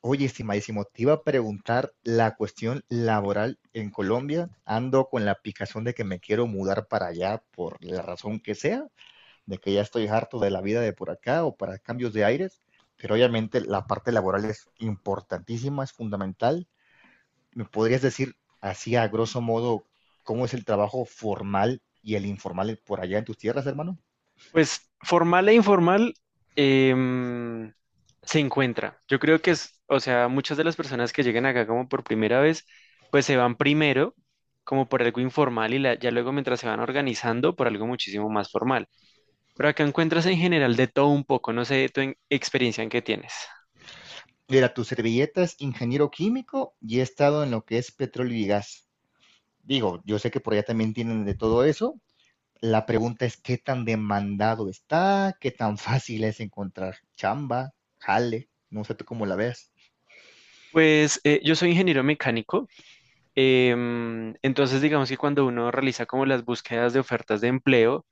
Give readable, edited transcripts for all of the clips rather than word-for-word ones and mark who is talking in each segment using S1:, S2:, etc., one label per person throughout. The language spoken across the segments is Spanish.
S1: Oye, estimadísimo, te iba a preguntar la cuestión laboral en Colombia. Ando con la picazón de que me quiero mudar para allá por la razón que sea, de que ya estoy harto de la vida de por acá o para cambios de aires, pero obviamente la parte laboral es importantísima, es fundamental. ¿Me podrías decir así a grosso modo cómo es el trabajo formal y el informal por allá en tus tierras, hermano?
S2: Pues formal e informal em, se encuentra. Yo creo que es, o sea, muchas de las personas que llegan acá como por primera vez, pues se van primero como por algo informal y ya luego mientras se van organizando por algo muchísimo más formal. Pero acá encuentras en general de todo un poco, no sé tu experiencia en qué tienes.
S1: Mira, tu servilleta es ingeniero químico y he estado en lo que es petróleo y gas. Digo, yo sé que por allá también tienen de todo eso. La pregunta es qué tan demandado está, qué tan fácil es encontrar chamba, jale, no sé tú cómo la ves.
S2: Pues yo soy ingeniero mecánico, entonces digamos que cuando uno realiza como las búsquedas de ofertas de empleo,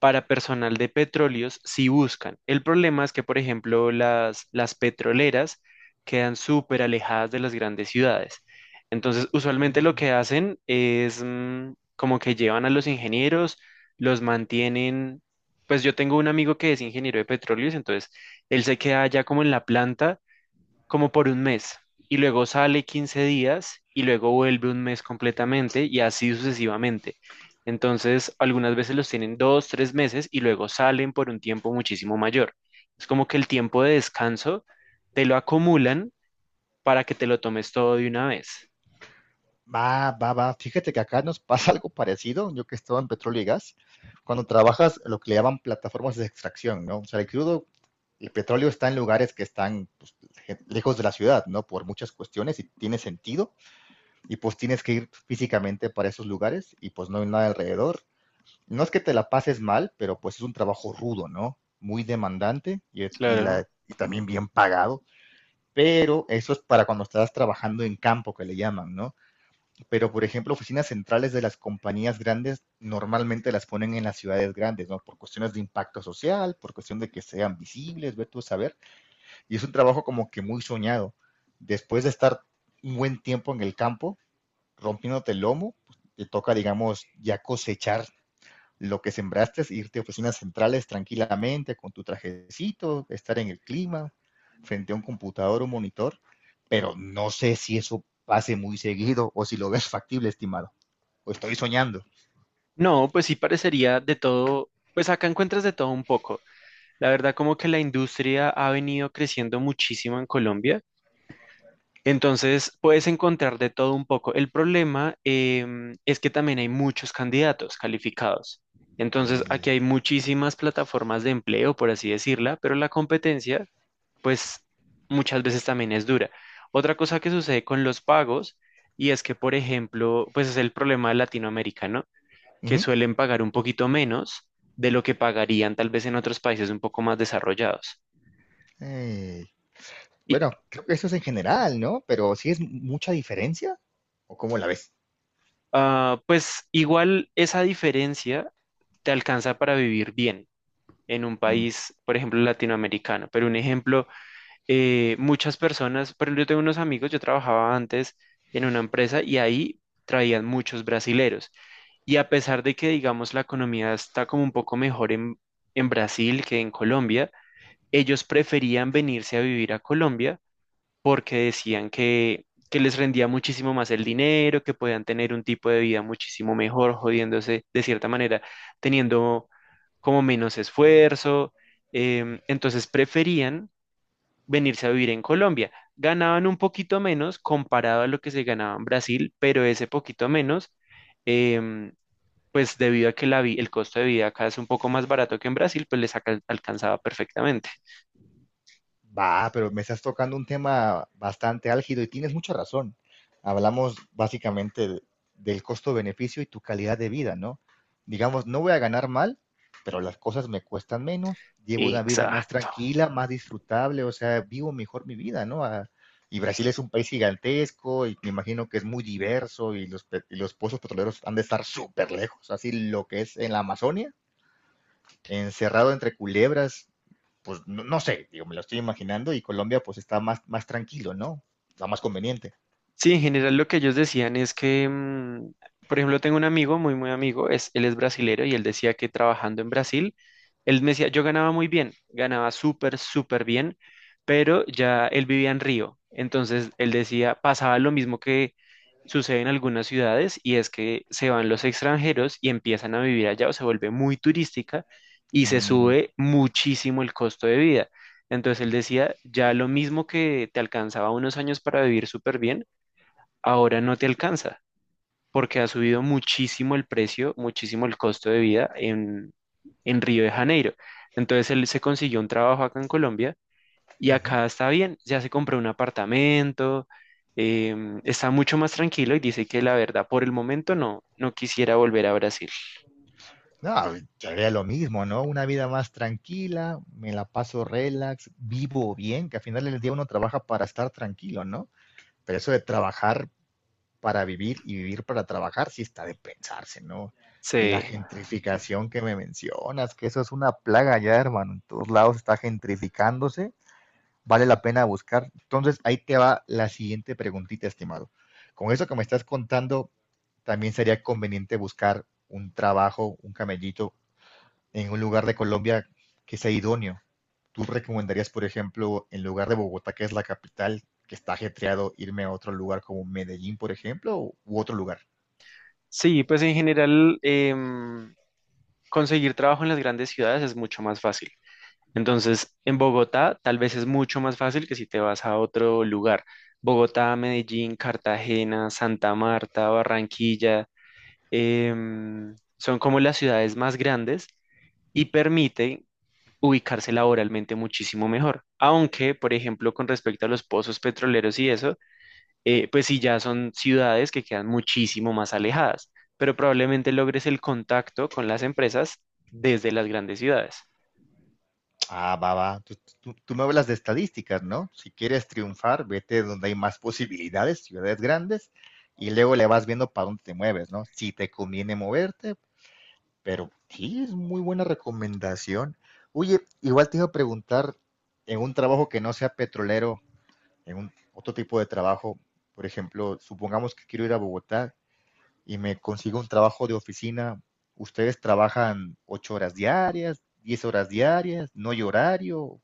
S2: para personal de petróleos si buscan. El problema es que, por ejemplo, las petroleras quedan súper alejadas de las grandes ciudades. Entonces, usualmente lo
S1: Mm.
S2: que hacen es como que llevan a los ingenieros, los mantienen. Pues yo tengo un amigo que es ingeniero de petróleos, entonces él se queda allá como en la planta como por un mes y luego sale 15 días y luego vuelve un mes completamente y así sucesivamente. Entonces, algunas veces los tienen dos, tres meses y luego salen por un tiempo muchísimo mayor. Es como que el tiempo de descanso te lo acumulan para que te lo tomes todo de una vez.
S1: Va, va, va. Fíjate que acá nos pasa algo parecido. Yo que estaba en petróleo y gas, cuando trabajas lo que le llaman plataformas de extracción, ¿no? O sea, el crudo, el petróleo está en lugares que están, pues, lejos de la ciudad, ¿no? Por muchas cuestiones, y tiene sentido. Y pues tienes que ir físicamente para esos lugares y pues no hay nada alrededor. No es que te la pases mal, pero pues es un trabajo rudo, ¿no? Muy demandante y, y la,
S2: Claro.
S1: y también bien pagado, pero eso es para cuando estás trabajando en campo, que le llaman, ¿no? Pero, por ejemplo, oficinas centrales de las compañías grandes normalmente las ponen en las ciudades grandes, ¿no? Por cuestiones de impacto social, por cuestión de que sean visibles, ver tú a saber, y es un trabajo como que muy soñado. Después de estar un buen tiempo en el campo, rompiéndote el lomo, pues, te toca, digamos, ya cosechar lo que sembraste, es irte a oficinas centrales tranquilamente con tu trajecito, estar en el clima, frente a un computador o un monitor, pero no sé si eso pase muy seguido o si lo ves factible, estimado, o estoy soñando.
S2: No, pues sí parecería de todo, pues acá encuentras de todo un poco. La verdad como que la industria ha venido creciendo muchísimo en Colombia. Entonces, puedes encontrar de todo un poco. El problema es que también hay muchos candidatos calificados. Entonces,
S1: Eh,
S2: aquí hay muchísimas plataformas de empleo, por así decirla, pero la competencia, pues, muchas veces también es dura. Otra cosa que sucede con los pagos, y es que, por ejemplo, pues es el problema latinoamericano,
S1: uh
S2: que
S1: -huh.
S2: suelen pagar un poquito menos de lo que pagarían tal vez en otros países un poco más desarrollados.
S1: eh,
S2: Y,
S1: bueno, creo que eso es en general, ¿no? Pero si ¿sí es mucha diferencia o cómo la ves?
S2: Ah, pues igual esa diferencia te alcanza para vivir bien en un
S1: Mm.
S2: país, por ejemplo, latinoamericano. Pero un ejemplo, muchas personas, pero yo tengo unos amigos, yo trabajaba antes en una empresa y ahí traían muchos brasileros. Y a pesar de que, digamos, la economía está como un poco mejor en Brasil que en Colombia, ellos preferían venirse a vivir a Colombia porque decían que les rendía muchísimo más el dinero, que podían tener un tipo de vida muchísimo mejor, jodiéndose de cierta manera, teniendo como menos esfuerzo. Entonces preferían venirse a vivir en Colombia. Ganaban un poquito menos comparado a lo que se ganaba en Brasil, pero ese poquito menos, em, pues debido a que el costo de vida acá es un poco más barato que en Brasil, pues les alcanzaba perfectamente.
S1: Va, pero me estás tocando un tema bastante álgido y tienes mucha razón. Hablamos básicamente de- del costo-beneficio y tu calidad de vida, ¿no? Digamos, no voy a ganar mal, pero las cosas me cuestan menos, llevo una vida más
S2: Exacto.
S1: tranquila, más disfrutable, o sea, vivo mejor mi vida, ¿no? Ah, y Brasil es un país gigantesco y me imagino que es muy diverso y los, y los pozos petroleros han de estar súper lejos, así lo que es en la Amazonia, encerrado entre culebras, pues no, no, sé, digo, me lo estoy imaginando. Y Colombia pues está más, más tranquilo, ¿no? Está más conveniente.
S2: Sí, en general lo que ellos decían es que, por ejemplo, tengo un amigo, muy, muy amigo, es, él es brasilero y él decía que trabajando en Brasil, él me decía, yo ganaba muy bien, ganaba súper, súper bien, pero ya él vivía en Río. Entonces, él decía, pasaba lo mismo que sucede en algunas ciudades y es que se van los extranjeros y empiezan a vivir allá o se vuelve muy turística y se
S1: Uh,
S2: sube muchísimo el costo de vida. Entonces, él decía, ya lo mismo que te alcanzaba unos años para vivir súper bien ahora no te alcanza porque ha subido muchísimo el precio, muchísimo el costo de vida en Río de Janeiro. Entonces él se consiguió un trabajo acá en Colombia y
S1: uh-huh.
S2: acá está bien, ya se compró un apartamento, está mucho más tranquilo y dice que la verdad por el momento no, no quisiera volver a Brasil.
S1: No, yo haría lo mismo, ¿no? Una vida más tranquila, me la paso relax, vivo bien, que al final del día uno trabaja para estar tranquilo, ¿no? Pero eso de trabajar para vivir y vivir para trabajar sí está de pensarse, ¿no? Y la
S2: Sí,
S1: gentrificación que me mencionas, que eso es una plaga ya, hermano. En todos lados está gentrificándose, vale la pena buscar. Entonces, ahí te va la siguiente preguntita, estimado. Con eso que me estás contando, también sería conveniente buscar un trabajo, un camellito, en un lugar de Colombia que sea idóneo. ¿Tú recomendarías, por ejemplo, en lugar de Bogotá, que es la capital, que está ajetreado, irme a otro lugar como Medellín, por ejemplo, u otro lugar?
S2: sí, pues en general conseguir trabajo en las grandes ciudades es mucho más fácil. Entonces, en Bogotá tal vez es mucho más fácil que si te vas a otro lugar. Bogotá, Medellín, Cartagena, Santa Marta, Barranquilla, son como las ciudades más grandes y permiten ubicarse laboralmente muchísimo mejor. Aunque, por ejemplo, con respecto a los pozos petroleros y eso, pues sí ya son ciudades que quedan muchísimo más alejadas, pero probablemente logres el contacto con las empresas desde las grandes ciudades.
S1: Ah, va, va. Tú me hablas de estadísticas, ¿no? Si quieres triunfar, vete donde hay más posibilidades, ciudades grandes, y luego le vas viendo para dónde te mueves, ¿no? Si te conviene moverte, pero sí, es muy buena recomendación. Oye, igual te iba a preguntar, en un trabajo que no sea petrolero, en un otro tipo de trabajo, por ejemplo, supongamos que quiero ir a Bogotá, y me consigo un trabajo de oficina, ¿ustedes trabajan ocho horas diarias, diez horas diarias, no hay horario?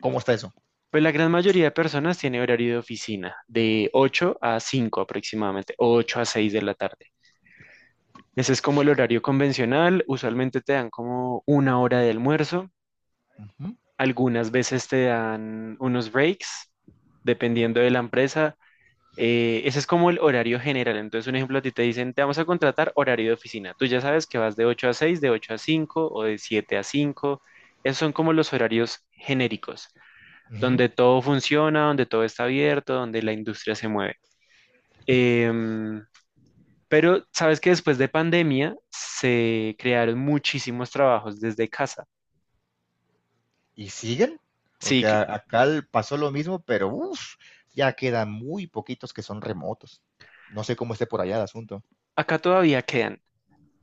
S1: ¿Cómo está eso?
S2: Pues la gran mayoría de personas tiene horario de oficina, de 8 a 5 aproximadamente, o 8 a 6 de la tarde. Ese es como el horario convencional, usualmente te dan como una hora de almuerzo,
S1: Ujú,
S2: algunas veces te dan unos breaks, dependiendo de la empresa. Ese es como el horario general. Entonces, un ejemplo, a ti te dicen, te vamos a contratar horario de oficina. Tú ya sabes que vas de 8 a 6, de 8 a 5 o de 7 a 5. Esos son como los horarios genéricos
S1: ujú.
S2: donde todo funciona, donde todo está abierto, donde la industria se mueve. Em, pero sabes que después de pandemia se crearon muchísimos trabajos desde casa.
S1: ¿Y siguen?
S2: Sí,
S1: Porque acá pasó lo mismo, pero uf, ya quedan muy poquitos que son remotos. No sé cómo esté por allá el asunto.
S2: acá todavía quedan,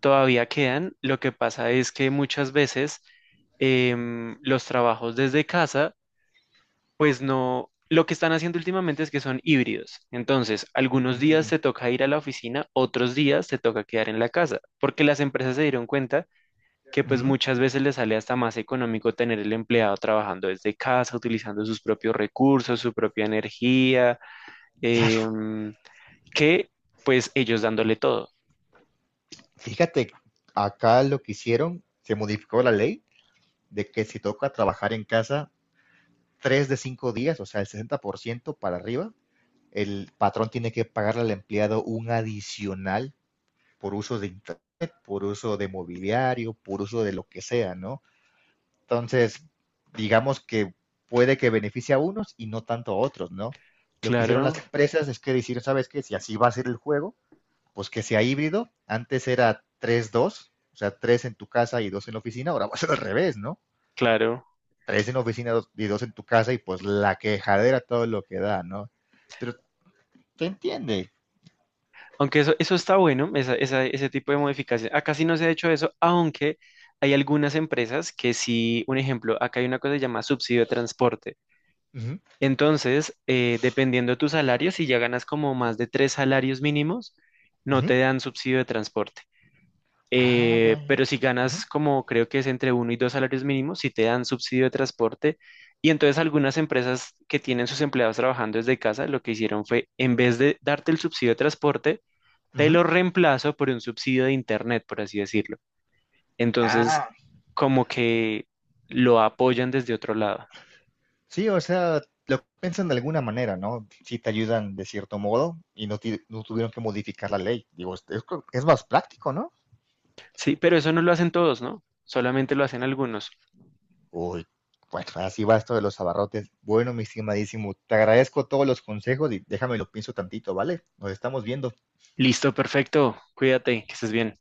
S2: todavía quedan. Lo que pasa es que muchas veces los trabajos desde casa, pues no, lo que están haciendo últimamente es que son híbridos. Entonces, algunos días
S1: Mm,
S2: te toca ir a la oficina, otros días te toca quedar en la casa, porque las empresas se dieron cuenta que pues
S1: ujú.
S2: muchas veces le sale hasta más económico tener el empleado trabajando desde casa, utilizando sus propios recursos, su propia energía,
S1: Claro,
S2: em, que pues ellos dándole todo.
S1: fíjate, acá lo que hicieron, se modificó la ley de que si toca trabajar en casa tres de cinco días, o sea, el 60% para arriba, el patrón tiene que pagarle al empleado un adicional por uso de internet, por uso de mobiliario, por uso de lo que sea, ¿no? Entonces, digamos que puede que beneficie a unos y no tanto a otros, ¿no? Lo que hicieron las
S2: Claro,
S1: empresas es que decir, ¿sabes qué? Si así va a ser el juego, pues que sea híbrido. Antes era 3 2, o sea, tres en tu casa y dos en la oficina, ahora va a ser al revés, ¿no?
S2: claro.
S1: 3 en la oficina y 2 en tu casa, y pues la quejadera todo lo que da, ¿no? Pero te entiende.
S2: Aunque eso está bueno, ese tipo de modificación. Acá sí no se ha hecho eso, aunque hay algunas empresas que sí, un ejemplo, acá hay una cosa que se llama subsidio de transporte.
S1: Uh -huh,
S2: Entonces, dependiendo de tu salario, si ya ganas como más de 3 salarios mínimos,
S1: uh
S2: no
S1: -huh.
S2: te dan subsidio de transporte.
S1: Ah, ya,
S2: Eh,
S1: ya.
S2: pero si
S1: Ujú.
S2: ganas como creo que es entre 1 y 2 salarios mínimos, si te dan subsidio de transporte. Y entonces algunas empresas que tienen sus empleados trabajando desde casa, lo que hicieron fue, en vez de darte el subsidio de transporte, te
S1: Ujú.
S2: lo reemplazo por un subsidio de internet, por así decirlo. Entonces,
S1: Ah,
S2: como que lo apoyan desde otro lado.
S1: sí, o sea, lo piensan de alguna manera, ¿no? Sí te ayudan de cierto modo y no, no tuvieron que modificar la ley. Digo, es es más práctico, ¿no?
S2: Sí, pero eso no lo hacen todos, ¿no? Solamente lo hacen algunos.
S1: Uy, bueno, así va esto de los abarrotes. Bueno, mi estimadísimo, te agradezco todos los consejos y déjame lo pienso tantito, ¿vale? Nos estamos viendo.
S2: Listo, perfecto. Cuídate, que estés bien.